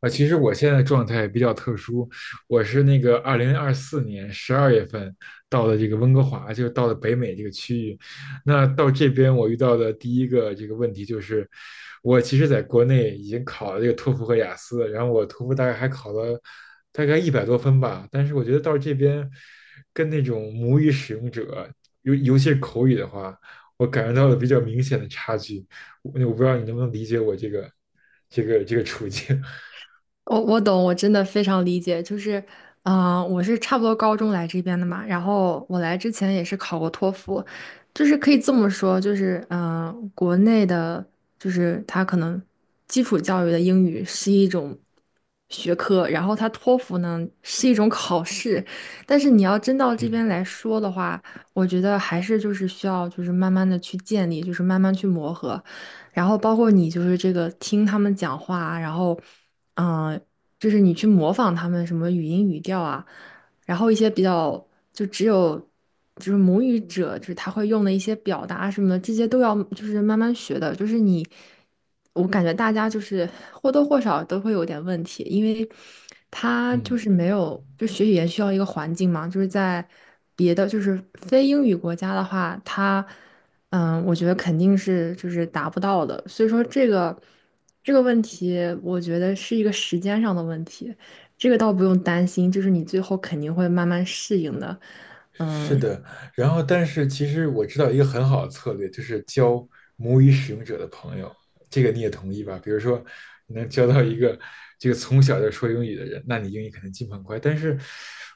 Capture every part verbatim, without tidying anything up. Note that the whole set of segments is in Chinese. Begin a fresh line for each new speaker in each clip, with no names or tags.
啊，其实我现在状态比较特殊，我是那个二零二四年十二月份到的这个温哥华，就到了北美这个区域。那到这边我遇到的第一个这个问题就是，我其实在国内已经考了这个托福和雅思，然后我托福大概还考了大概一百多分吧，但是我觉得到这边跟那种母语使用者，尤尤其是口语的话，我感觉到了比较明显的差距。我我不知道你能不能理解我这个这个这个处境。
我我懂，我真的非常理解。就是，嗯、我是差不多高中来这边的嘛，然后我来之前也是考过托福，就是可以这么说，就是，嗯、国内的，就是它可能基础教育的英语是一种学科，然后它托福呢是一种考试，但是你要真到这
嗯
边来说的话，我觉得还是就是需要就是慢慢的去建立，就是慢慢去磨合。然后包括你就是这个听他们讲话啊然后嗯、呃就是你去模仿他们什么语音语调啊，然后一些比较就只有就是母语者，就是他会用的一些表达什么，这些都要就是慢慢学的。就是你，我感觉大家就是或多或少都会有点问题，因为他就
嗯，
是没有就学语言需要一个环境嘛，就是在别的就是非英语国家的话，他。嗯，我觉得肯定是就是达不到的，所以说这个这个问题，我觉得是一个时间上的问题，这个倒不用担心，就是你最后肯定会慢慢适应的。
是
嗯，
的。然后，但是其实我知道一个很好的策略，就是交母语使用者的朋友，这个你也同意吧？比如说，你能交到一个这个从小就说英语的人，那你英语肯定进步很快。但是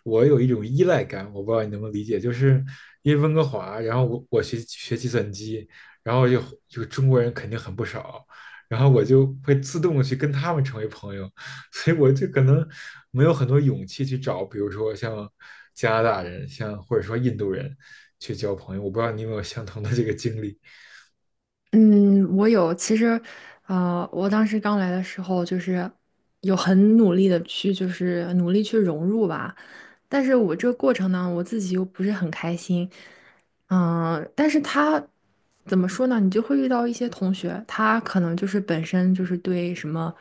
我有一种依赖感，我不知道你能不能理解，就是因为温哥华，然后我我学学计算机，然后就就中国人肯定很不少，然后我就会自动的去跟他们成为朋友，所以我就可能没有很多勇气去找，比如说像加拿大人，像或者说印度人去交朋友。我不知道你有没有相同的这个经历。
嗯，我有。其实，呃，我当时刚来的时候，就是有很努力的去，就是努力去融入吧。但是我这个过程呢，我自己又不是很开心。嗯，但是他怎么说呢？你就会遇到一些同学，他可能就是本身就是对什么，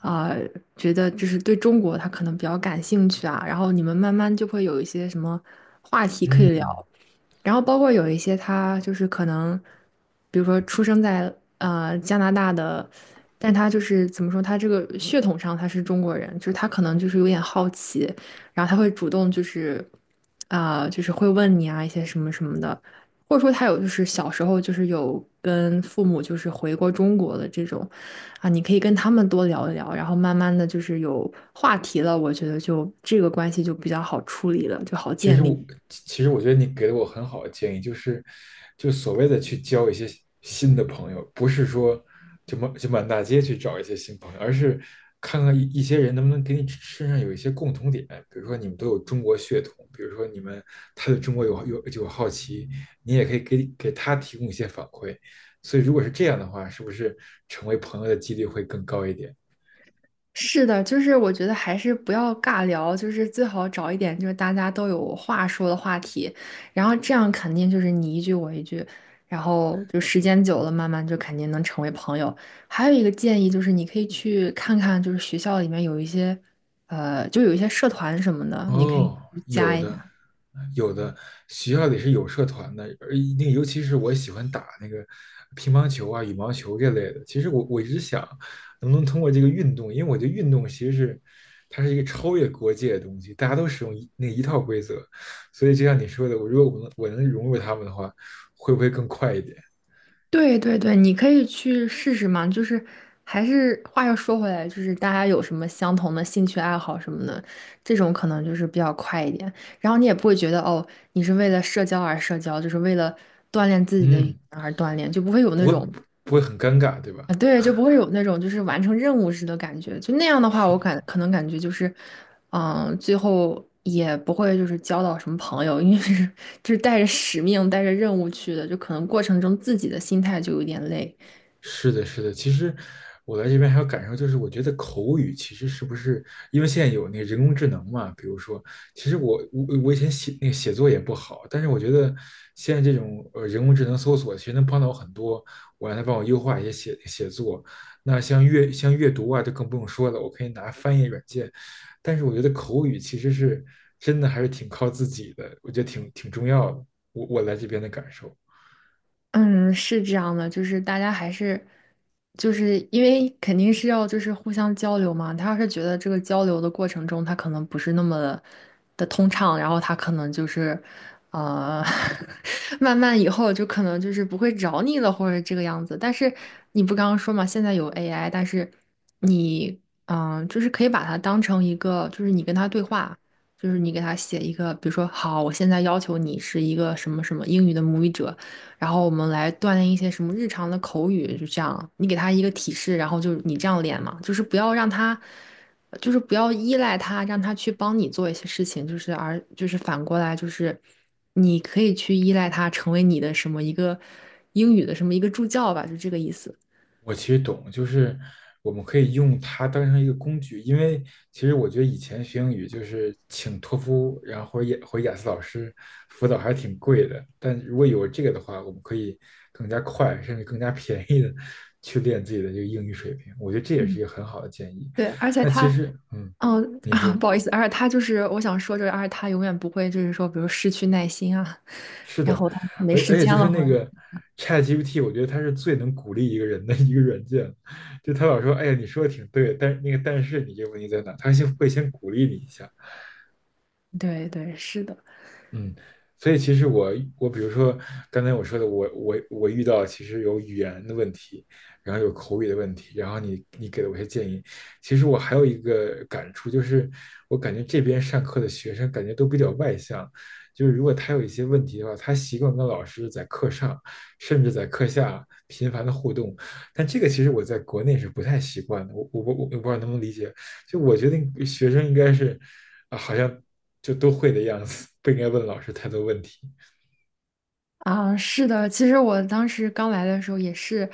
啊、觉得就是对中国他可能比较感兴趣啊。然后你们慢慢就会有一些什么话题可以聊。
嗯，
然后包括有一些他就是可能，比如说出生在呃加拿大的，但他就是怎么说，他这个血统上他是中国人，就是他可能就是有点好奇，然后他会主动就是啊、就是会问你啊一些什么什么的，或者说他有就是小时候就是有跟父母就是回过中国的这种啊，你可以跟他们多聊一聊，然后慢慢的就是有话题了，我觉得就这个关系就比较好处理了，就好
其实
建
我
立。
其实我觉得你给了我很好的建议，就是就所谓的去交一些新的朋友，不是说就满就满大街去找一些新朋友，而是看看一一些人能不能给你身上有一些共同点，比如说你们都有中国血统，比如说你们他对中国有有有好奇，你也可以给给他提供一些反馈。所以如果是这样的话，是不是成为朋友的几率会更高一点？
是的，就是我觉得还是不要尬聊，就是最好找一点就是大家都有话说的话题，然后这样肯定就是你一句我一句，然后就时间久了，慢慢就肯定能成为朋友。还有一个建议就是，你可以去看看，就是学校里面有一些，呃，就有一些社团什么的，你可以
哦，
去
有
加一
的，
下。
有的，学校里是有社团的，而那个尤其是我喜欢打那个乒乓球啊、羽毛球这类的。其实我我一直想，能不能通过这个运动，因为我觉得运动其实是它是一个超越国界的东西，大家都使用一那一套规则，所以就像你说的，我如果我能我能融入他们的话，会不会更快一点？
对对对，你可以去试试嘛。就是还是话又说回来，就是大家有什么相同的兴趣爱好什么的，这种可能就是比较快一点。然后你也不会觉得哦，你是为了社交而社交，就是为了锻炼自己的语言
嗯，
而锻炼，就不会有
不
那
会
种
不会很尴尬，对吧？
啊，对，就不会有那种就是完成任务似的感觉。就那样的话，我
是。
感可能感觉就是，嗯，最后也不会就是交到什么朋友，因为 是就是带着使命、带着任务去的，就可能过程中自己的心态就有点累。
是的，是的。其实我来这边还有感受，就是我觉得口语其实是不是因为现在有那个人工智能嘛？比如说，其实我我我以前写那个写作也不好，但是我觉得现在这种呃人工智能搜索其实能帮到我很多，我让它帮我优化一些写写作。那像阅像阅读啊，就更不用说了，我可以拿翻译软件。但是我觉得口语其实是真的还是挺靠自己的，我觉得挺挺重要的。我我来这边的感受。
嗯，是这样的，就是大家还是，就是因为肯定是要就是互相交流嘛。他要是觉得这个交流的过程中，他可能不是那么的的通畅，然后他可能就是，呃，慢慢以后就可能就是不会找你了，或者这个样子。但是你不刚刚说嘛，现在有 A I,但是你，嗯、就是可以把它当成一个，就是你跟他对话。就是你给他写一个，比如说，好，我现在要求你是一个什么什么英语的母语者，然后我们来锻炼一些什么日常的口语，就这样，你给他一个提示，然后就你这样练嘛，就是不要让他，就是不要依赖他，让他去帮你做一些事情，就是而就是反过来就是你可以去依赖他，成为你的什么一个英语的什么一个助教吧，就这个意思。
我其实懂，就是我们可以用它当成一个工具，因为其实我觉得以前学英语就是请托福，然后或者雅或者雅思老师辅导还是挺贵的，但如果有这个的话，我们可以更加快，甚至更加便宜的去练自己的这个英语水平，我觉得这也是
嗯，
一个很好的建议。
对，而且
那其
他，
实，嗯，
嗯，
你
啊，
说。
不好意思，而且他就是我想说，就是而且他永远不会，就是说，比如失去耐心啊，
是
然
的，
后他没
而
时
而且就
间
是
了，或
那
者，
个 ChatGPT，我觉得它是最能鼓励一个人的一个软件。就他老说，哎呀，你说的挺对，但是那个但是你这个问题在哪？他先会先鼓励你一下，
对对，是的。
嗯，所以其实我我比如说刚才我说的，我我我遇到其实有语言的问题，然后有口语的问题，然后你你给了我一些建议，其实我还有一个感触，就是我感觉这边上课的学生感觉都比较外向，就是如果他有一些问题的话，他习惯跟老师在课上甚至在课下频繁的互动，但这个其实我在国内是不太习惯的，我我我我不知道能不能理解，就我觉得学生应该是啊，好像就都会的样子，不应该问老师太多问题。
啊，是的，其实我当时刚来的时候也是，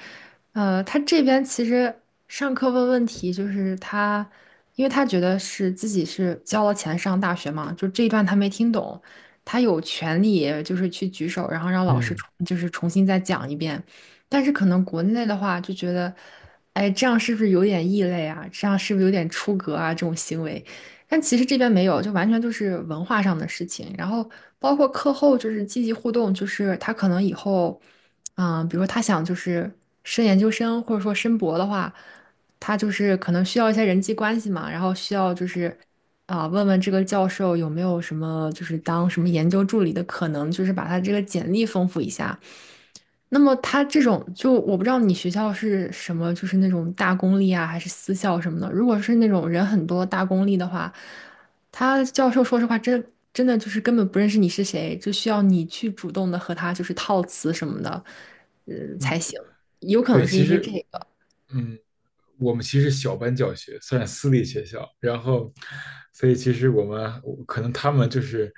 呃，他这边其实上课问问题，就是他，因为他觉得是自己是交了钱上大学嘛，就这一段他没听懂，他有权利就是去举手，然后让老师
嗯。
重就是重新再讲一遍。但是可能国内的话就觉得，哎，这样是不是有点异类啊？这样是不是有点出格啊？这种行为，但其实这边没有，就完全就是文化上的事情。然后包括课后就是积极互动，就是他可能以后，嗯，比如说他想就是升研究生或者说申博的话，他就是可能需要一些人际关系嘛，然后需要就是啊、问问这个教授有没有什么就是当什么研究助理的可能，就是把他这个简历丰富一下。那么他这种就我不知道你学校是什么，就是那种大公立啊，还是私校什么的。如果是那种人很多大公立的话，他教授说实话真真的就是根本不认识你是谁，就需要你去主动的和他就是套词什么的，呃
嗯，
才行。有可
对，
能是
其
因为
实，
这个。
嗯，我们其实小班教学，算是私立学校，然后，所以其实我们可能他们就是，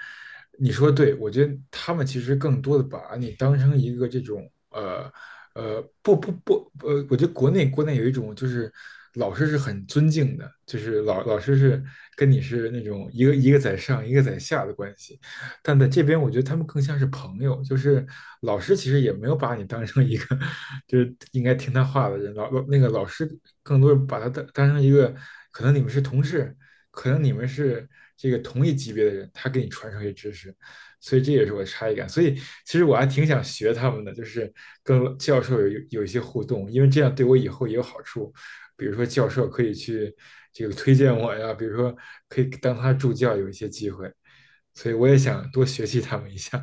你说对，我觉得他们其实更多的把你当成一个这种呃呃不不不呃，我觉得国内国内有一种就是老师是很尊敬的，就是老老师是跟你是那种一个一个在上一个在下的关系，但在这边，我觉得他们更像是朋友，就是老师其实也没有把你当成一个就是应该听他话的人，老老那个老师更多是把他当当成一个，可能你们是同事，可能你们是这个同一级别的人，他给你传授一些知识，所以这也是我的差异感。所以其实我还挺想学他们的，就是跟教授有有一些互动，因为这样对我以后也有好处。比如说教授可以去这个推荐我呀，比如说可以当他助教有一些机会。所以我也想多学习他们一下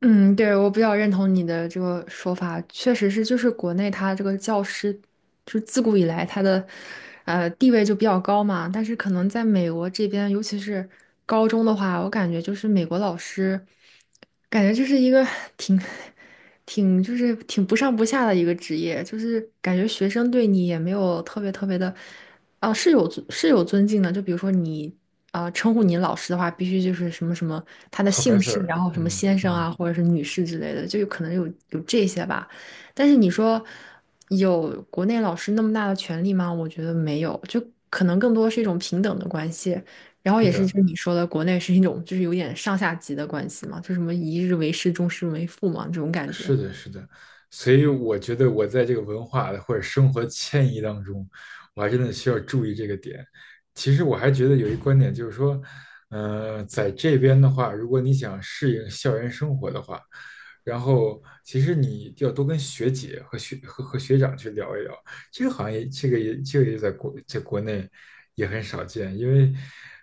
嗯，对，我比较认同你的这个说法，确实是，就是国内他这个教师，就是自古以来他的，呃，地位就比较高嘛。但是可能在美国这边，尤其是高中的话，我感觉就是美国老师，感觉就是一个 挺，挺就是挺不上不下的一个职业，就是感觉学生对你也没有特别特别的。啊，是有尊是有尊敬的，就比如说你啊、称呼你老师的话，必须就是什么什么他的姓氏，
，Professor。
然后什么
嗯
先生
嗯，
啊，或者是女士之类的，就有可能有有这些吧。但是你说有国内老师那么大的权利吗？我觉得没有，就可能更多是一种平等的关系。然后
是
也是就
的，
是你说的，国内是一种就是有点上下级的关系嘛，就什么一日为师，终身为父嘛，这种感觉。
是的，是的。所以我觉得我在这个文化的或者生活迁移当中，我还真的需要注意这个点。其实我还觉得有一观点就是说，呃，在这边的话，如果你想适应校园生活的话，然后其实你要多跟学姐和学和和学长去聊一聊，这个好像也这个也这个也在国在国内也很少见，因为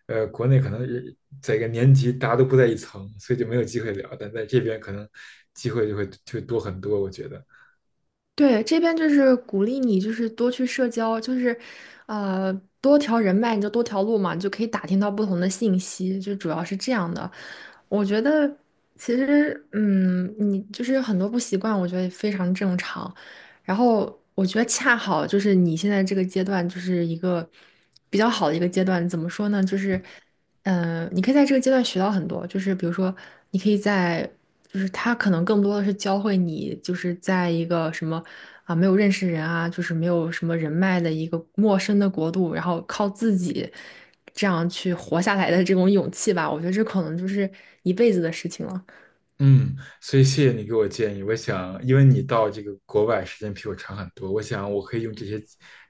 呃国内可能人在一个年级大家都不在一层，所以就没有机会聊，但在这边可能机会就会就会多很多，我觉得。
对，这边就是鼓励你，就是多去社交，就是，呃，多条人脉，你就多条路嘛，你就可以打听到不同的信息，就主要是这样的。我觉得其实，嗯，你就是有很多不习惯，我觉得非常正常。然后我觉得恰好就是你现在这个阶段，就是一个比较好的一个阶段。怎么说呢？就是。嗯，你可以在这个阶段学到很多，就是比如说，你可以在，就是他可能更多的是教会你，就是在一个什么啊没有认识人啊，就是没有什么人脉的一个陌生的国度，然后靠自己这样去活下来的这种勇气吧。我觉得这可能就是一辈子的事情了。
嗯，所以谢谢你给我建议。我想，因为你到这个国外时间比我长很多，我想我可以用这些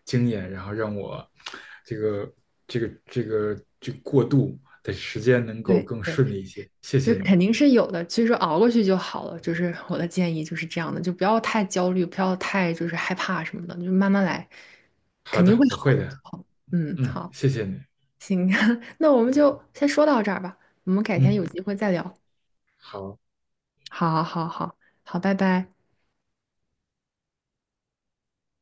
经验，然后让我这个这个这个这个过渡的时间能够
对
更
对，
顺利一些。谢
就
谢你。
肯定是有的，所以说熬过去就好了。就是我的建议就是这样的，就不要太焦虑，不要太就是害怕什么的，就慢慢来，
好
肯定
的，
会
我
好
会
的。
的。
好，嗯，
嗯，
好。
谢谢你。
行，那我们就先说到这儿吧，我们改天有
嗯，
机会再聊。
好。
好，好，好，好，拜拜。